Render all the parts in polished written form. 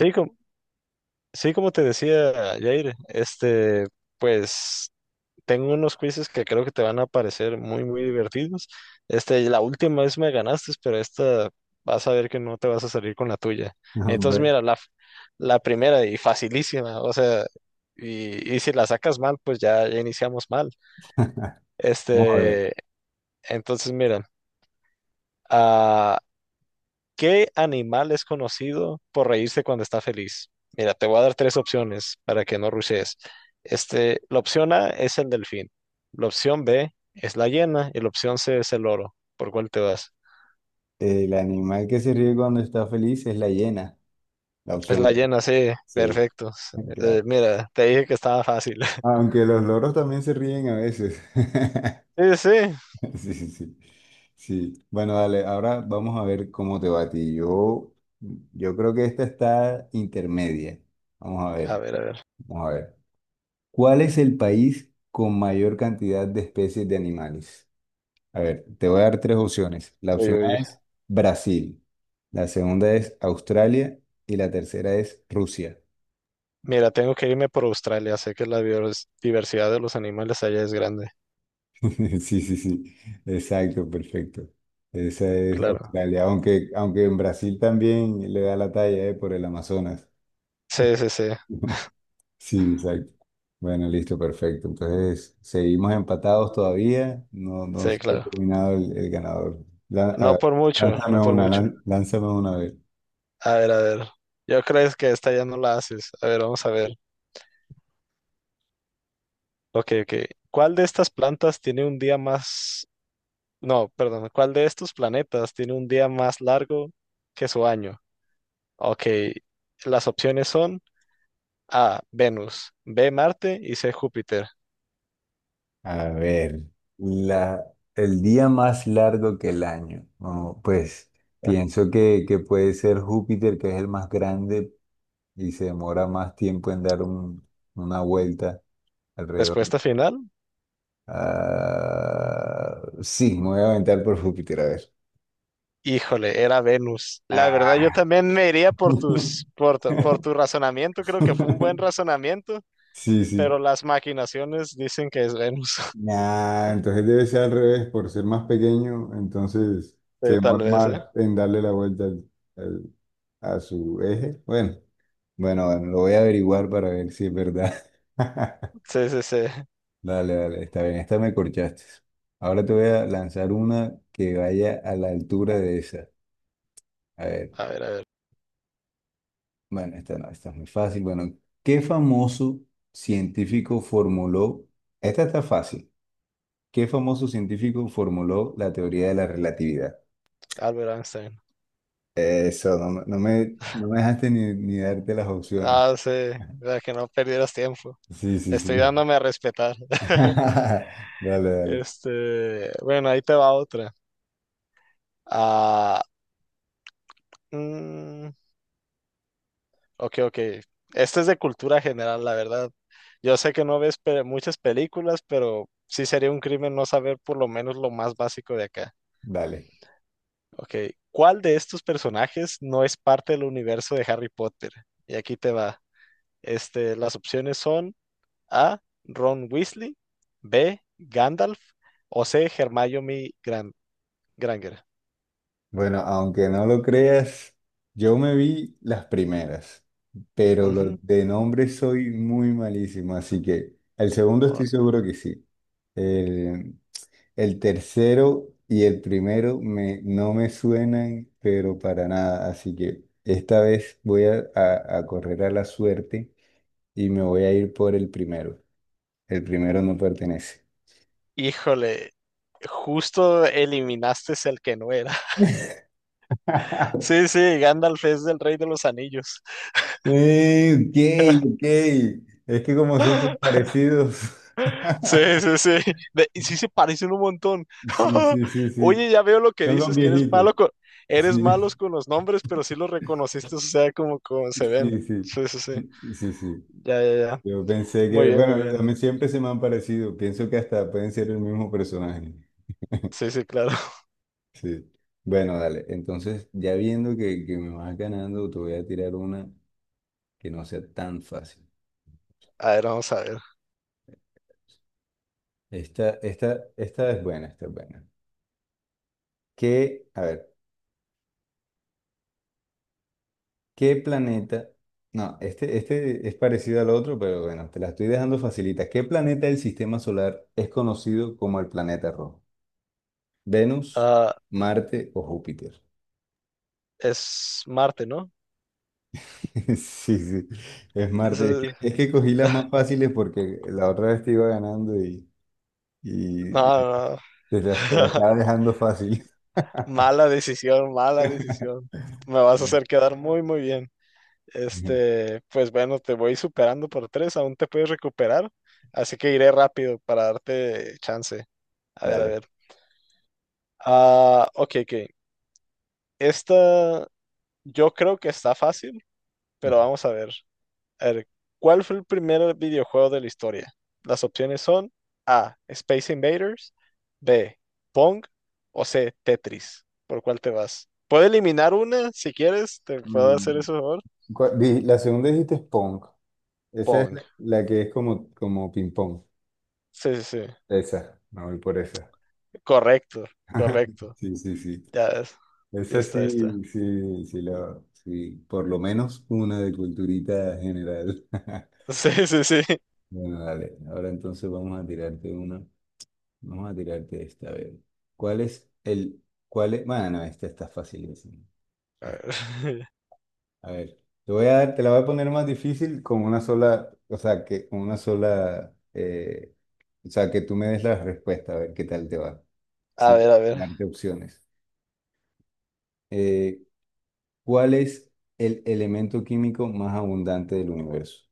Sí, com- sí, como te decía, Jair, pues tengo unos quizzes que creo que te van a parecer muy, muy divertidos. La última vez me ganaste, pero esta vas a ver que no te vas a salir con la tuya. No, Entonces, hombre, mira, la primera y facilísima, o sea, y si la sacas mal, pues ya, ya iniciamos mal. vamos a ver. Este, entonces, mira, ah, ¿qué animal es conocido por reírse cuando está feliz? Mira, te voy a dar tres opciones para que no rushes. La opción A es el delfín, la opción B es la hiena y la opción C es el loro. ¿Por cuál te vas? El animal que se ríe cuando está feliz es la hiena, la Es opción la B. hiena, sí, Sí, perfecto. Claro. Mira, te dije que estaba fácil. Aunque los loros también se ríen a veces. Sí, sí. Sí, sí, sí. Sí. Bueno, dale, ahora vamos a ver cómo te va a ti. Yo creo que esta está intermedia. Vamos a A ver, ver, a ver. vamos a ver. ¿Cuál es el país con mayor cantidad de especies de animales? A ver, te voy a dar tres opciones. La Uy, opción A uy. es Brasil, la segunda es Australia y la tercera es Rusia. Mira, tengo que irme por Australia. Sé que la biodiversidad de los animales allá es grande. Sí, sí, sí. Exacto, perfecto. Esa es Claro. Australia, aunque en Brasil también le da la talla, por el Amazonas. Sí, sí, sí. Sí, exacto. Bueno, listo, perfecto. Entonces, seguimos empatados todavía. No, no Sí, se ha claro. determinado el ganador. No por mucho, no Lánzame por una, mucho. Lánzame una vez. A ver, a ver. Yo creo que esta ya no la haces. A ver, vamos a ver. Ok, ok. ¿Cuál de estas plantas tiene un día más. No, perdón. ¿Cuál de estos planetas tiene un día más largo que su año? Ok. Las opciones son A, Venus, B, Marte y C, Júpiter. A ver, la, el día más largo que el año. No, pues Ah, pienso que puede ser Júpiter, que es el más grande y se demora más tiempo en una vuelta alrededor. Respuesta final. Ah, sí, me voy a aventar por Júpiter, a ver. Híjole, era Venus. La verdad, yo Ah. también me iría por tu razonamiento. Creo que fue un buen razonamiento, Sí, pero sí. las maquinaciones dicen que es Venus. Nah, entonces debe ser al revés, por ser más pequeño, entonces se Sí, tal demora vez, ¿eh? más en darle la vuelta al, a su eje. Bueno, bueno, lo voy a averiguar para ver si es verdad. Sí, sí, sí. Dale, dale, está bien, esta me corchaste. Ahora te voy a lanzar una que vaya a la altura de esa. A ver, A ver, a ver. bueno, esta no, esta es muy fácil. Bueno, ¿qué famoso científico formuló? Esta está fácil. ¿Qué famoso científico formuló la teoría de la relatividad? Albert Einstein. Eso, no, no me dejaste ni darte las opciones. Ah, sí. Para que no perdieras tiempo. Sí, sí, Estoy sí. dándome a respetar. Dale, dale, Bueno, ahí te va otra. Ah, mm, ok, ok. Esta es de cultura general, la verdad. Yo sé que no ves muchas películas, pero sí sería un crimen no saber por lo menos lo más básico de acá. dale. Ok, ¿cuál de estos personajes no es parte del universo de Harry Potter? Y aquí te va. Las opciones son A. Ron Weasley. B. Gandalf. O C. Hermione Granger. Bueno, aunque no lo creas, yo me vi las primeras, pero lo Ujú. de nombre soy muy malísimo, así que el segundo estoy O- seguro que sí. El, el tercero y el primero no me suenan, pero para nada, así que esta vez voy a correr a la suerte y me voy a ir por el primero. El primero no pertenece. Híjole, justo eliminaste es el que no era. Sí, sí, Gandalf es del Rey de los Anillos. Ok, ok. Es que como son tan parecidos. Sí, sí, sí. Y sí se parecen un montón. Sí, sí, sí, Oye, sí. ya veo lo que Son los dices, que eres viejitos. malo con, eres Sí, malos con los nombres, pero sí los reconociste, o sea, como se ven. sí, sí. Sí, sí, sí. Sí, sí. Ya, ya, ya. Yo pensé Muy que, bien, bueno, muy a bien. mí siempre se me han parecido. Pienso que hasta pueden ser el mismo personaje. Sí, sí, claro. Sí. Bueno, dale. Entonces, ya viendo que me vas ganando, te voy a tirar una que no sea tan fácil. A ver, vamos a ver. Esta es buena, esta es buena. Que, a ver. ¿Qué planeta? No, este es parecido al otro, pero bueno, te la estoy dejando facilita. ¿Qué planeta del sistema solar es conocido como el planeta rojo? ¿Venus, Ah, Marte o Júpiter? es Marte, ¿no? Sí, sí, es Es, Marte. Eh, Es que cogí las más fáciles porque la otra vez te iba ganando y No, te la no. estaba dejando fácil. Mala decisión, mala decisión. Me vas a Bien. hacer quedar muy, muy bien. Ujú. Pues bueno, te voy superando por tres, aún te puedes recuperar, así que iré rápido para darte chance. A ver, a Dale. ver. Ok, ok. Esta yo creo que está fácil, Ujú. pero vamos a ver. A ver, ¿cuál fue el primer videojuego de la historia? Las opciones son A, Space Invaders, B, Pong o C, Tetris. ¿Por cuál te vas? Puedo eliminar una si quieres, te puedo hacer Mm, ese favor. La segunda dijiste es pong. Esa es Pong. la que es como, como ping-pong. Sí, sí, sí. Esa, me voy por esa. Correcto, correcto. Sí, sí, sí. Ya, ves, ya Esa está, ya está. sí, sí, sí, sí, por lo menos una de culturita general. Sí, sí, sí. Bueno, dale. Ahora entonces vamos a tirarte una. Vamos a tirarte esta, a ver. ¿Cuál es el, ¿cuál es? Bueno, esta está facilísima. A Es- ver, A ver, te voy a dar, te la voy a poner más difícil con una sola, o sea, que con una sola, o sea, que tú me des la respuesta, a ver qué tal te va, a sin ver. A ver. darte opciones. Eh, ¿Cuál es el elemento químico más abundante del universo?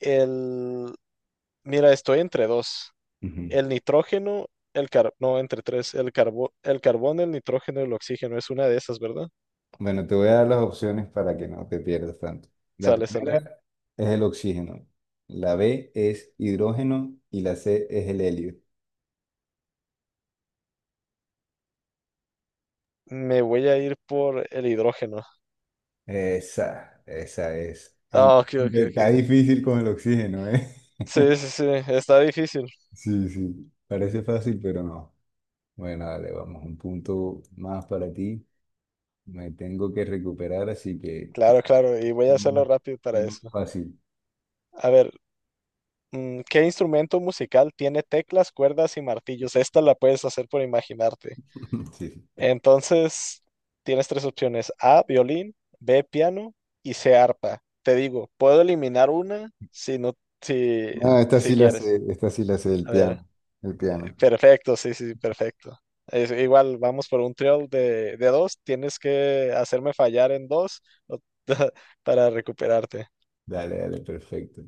El. Mira, estoy entre dos. Ujú. El nitrógeno, el car. No, entre tres. El carbón, el nitrógeno y el oxígeno. Es una de esas, ¿verdad? Bueno, te voy a dar las opciones para que no te pierdas tanto. La Sale, sale. primera es el oxígeno, la B es hidrógeno y la C es el helio. Me voy a ir por el hidrógeno. Esa es. Aunque Ok, ok, está ok. difícil con el oxígeno, ¿eh? Sí, sí, sí. Está difícil. Sí, sí. Parece fácil, pero no. Bueno, dale, vamos, un punto más para ti. Me tengo que recuperar, así que... Claro, claro. Y voy a ya hacerlo más- rápido ya para más eso. fácil. A ver, ¿qué instrumento musical tiene teclas, cuerdas y martillos? Esta la puedes hacer por imaginarte. Sí, sí. Entonces, tienes tres opciones, A, violín, B, piano y C, arpa. Te digo, puedo eliminar una si no, si, No, esta sí si la quieres. sé, esta sí la sé, el A ver, piano, el piano. perfecto, sí, sí, sí, perfecto. Es, igual, vamos por un trío de dos, tienes que hacerme fallar en dos o- para recuperarte. Dale, dale, perfecto.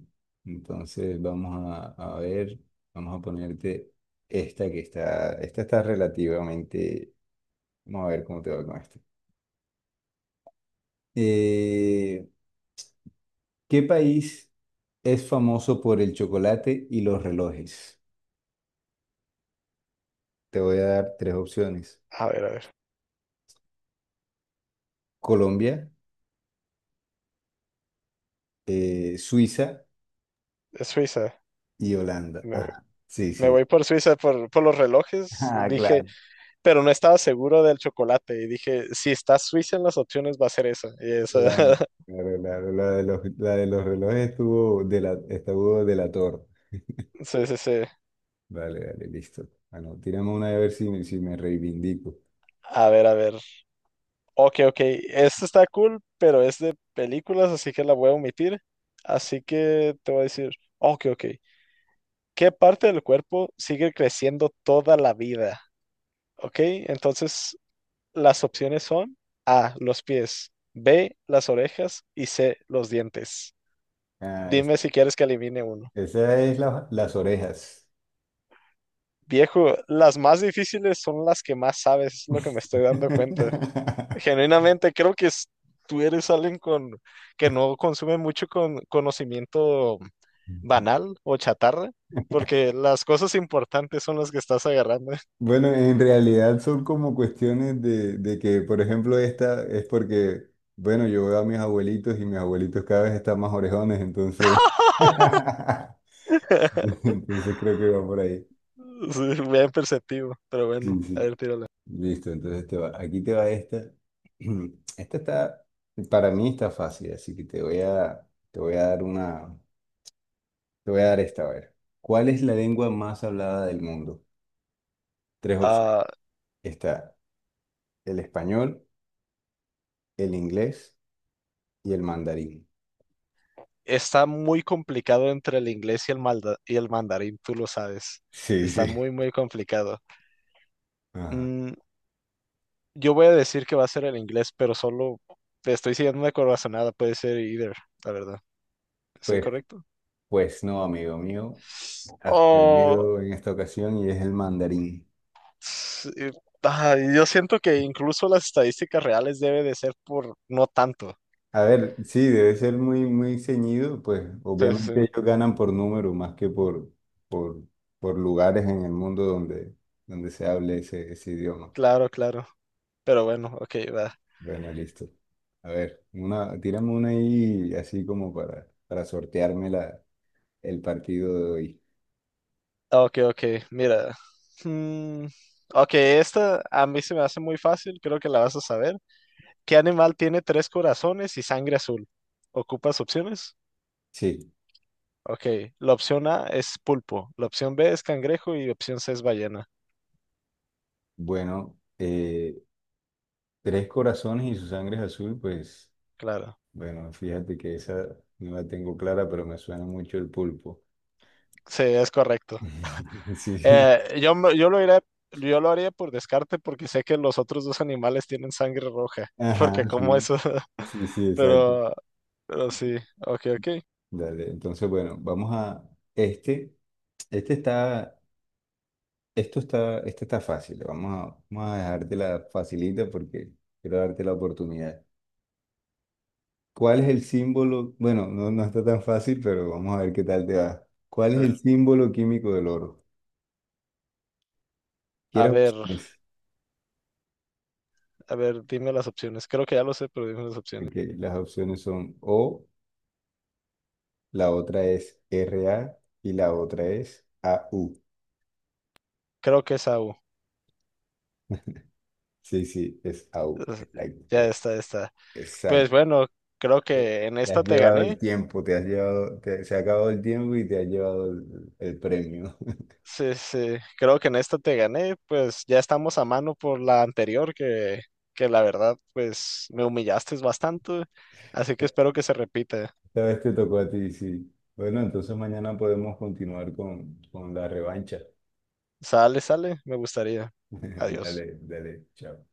Entonces vamos a ver, vamos a ponerte esta está relativamente, vamos a ver cómo te va con esto. Eh, ¿Qué país es famoso por el chocolate y los relojes? Te voy a dar tres opciones. A ver, Colombia, Suiza es Suiza. y Holanda. Me voy, Ajá, sí, me voy sí. por Suiza por los relojes, Ah, dije, claro. pero no estaba seguro del chocolate y dije, si está Suiza en las opciones va a ser eso. Y eso. La, claro, claro, la de la de los relojes estuvo de la torre. Sí, sí, sí. Dale, dale, listo. Bueno, tírame una a ver si me reivindico. A ver, a ver. Ok, ok. Esto está cool, pero es de películas, así que la voy a omitir. Así que te voy a decir, ok, ok. ¿Qué parte del cuerpo sigue creciendo toda la vida? Ok, entonces las opciones son A, los pies, B, las orejas y C, los dientes. Ah, Dime si quieres que elimine uno. esa es las orejas. Viejo, las más difíciles son las que más sabes, es lo que me estoy dando cuenta. Genuinamente creo que tú eres alguien que no consume mucho conocimiento banal o chatarra, porque las cosas importantes son las que estás agarrando. Bueno, en realidad son como cuestiones de que, por ejemplo, esta es porque, bueno, yo veo a mis abuelitos y mis abuelitos cada vez están más orejones, entonces, entonces creo que va por ahí. Sí, bien perceptivo, pero bueno, Sí, a ver, sí. tírala. Listo, entonces aquí te va esta. Esta está, para mí está fácil, así que te voy te voy a dar una, te voy a dar esta, a ver. ¿Cuál es la lengua más hablada del mundo? Tres opciones. Ah, Está el español, el inglés y el mandarín. Está muy complicado entre el inglés y el mandarín, tú lo sabes. Sí, sí. Está muy, muy complicado. Ajá. Mm, yo voy a decir que va a ser el inglés, pero solo te estoy siguiendo una corazonada, puede ser either, la verdad. ¿Estoy Pues, correcto? pues no, amigo mío, has O, perdido en esta ocasión y es el mandarín. eh, yo siento que incluso las estadísticas reales debe de ser por no tanto. A ver, sí, debe ser muy, muy ceñido, pues Sí, sí, obviamente sí. ellos ganan por número más que por, por lugares en el mundo donde, donde se hable ese, ese idioma. Claro, claro. Pero bueno, ok, va. Bueno, listo. A ver, una, tírame una ahí así como para sortearme el partido de hoy. Ok, ok, mira. Mm, ok, esta a mí se me hace muy fácil, creo que la vas a saber. ¿Qué animal tiene tres corazones y sangre azul? ¿Ocupas opciones? Sí, Ok, la opción A es pulpo, la opción B es cangrejo y la opción C es ballena. bueno, tres corazones y su sangre es azul, pues Claro, bueno, fíjate que esa no la tengo clara, pero me suena mucho el pulpo. sí, es correcto. Sí, Yo, me- yo lo iré yo lo haría por descarte porque sé que los otros dos animales tienen sangre roja, porque ajá, sí. como eso, Sí, sí, exacto. pero, pero, sí, ok, ok. Dale, entonces, bueno, vamos a este. Este está, este está fácil. Vamos a, vamos a dejártela facilita porque quiero darte la oportunidad. ¿Cuál es el símbolo? Bueno, no, no está tan fácil, pero vamos a ver qué tal te va. ¿Cuál es el Eh, símbolo químico del oro? A ¿Quieres ver, opciones? a ver, dime las opciones. Creo que ya lo sé, pero dime las opciones. Ok, las opciones son O, la otra es RA y la otra es AU. Creo que es Au. Sí, sí, es AU. Es- Ya está, ya está. Pues Exacto. bueno, creo Te que en te esta has te llevado el gané. tiempo, te has llevado, se ha acabado el tiempo y te has llevado el premio. Sí, sí, creo que en esta te gané. Pues ya estamos a mano por la anterior, que la verdad, pues me humillaste bastante. Así que espero que se repita. Esta vez te tocó a ti, sí. Bueno, entonces mañana podemos continuar con la revancha. Sale, sale, me gustaría. Adiós. Dale, dale, chao.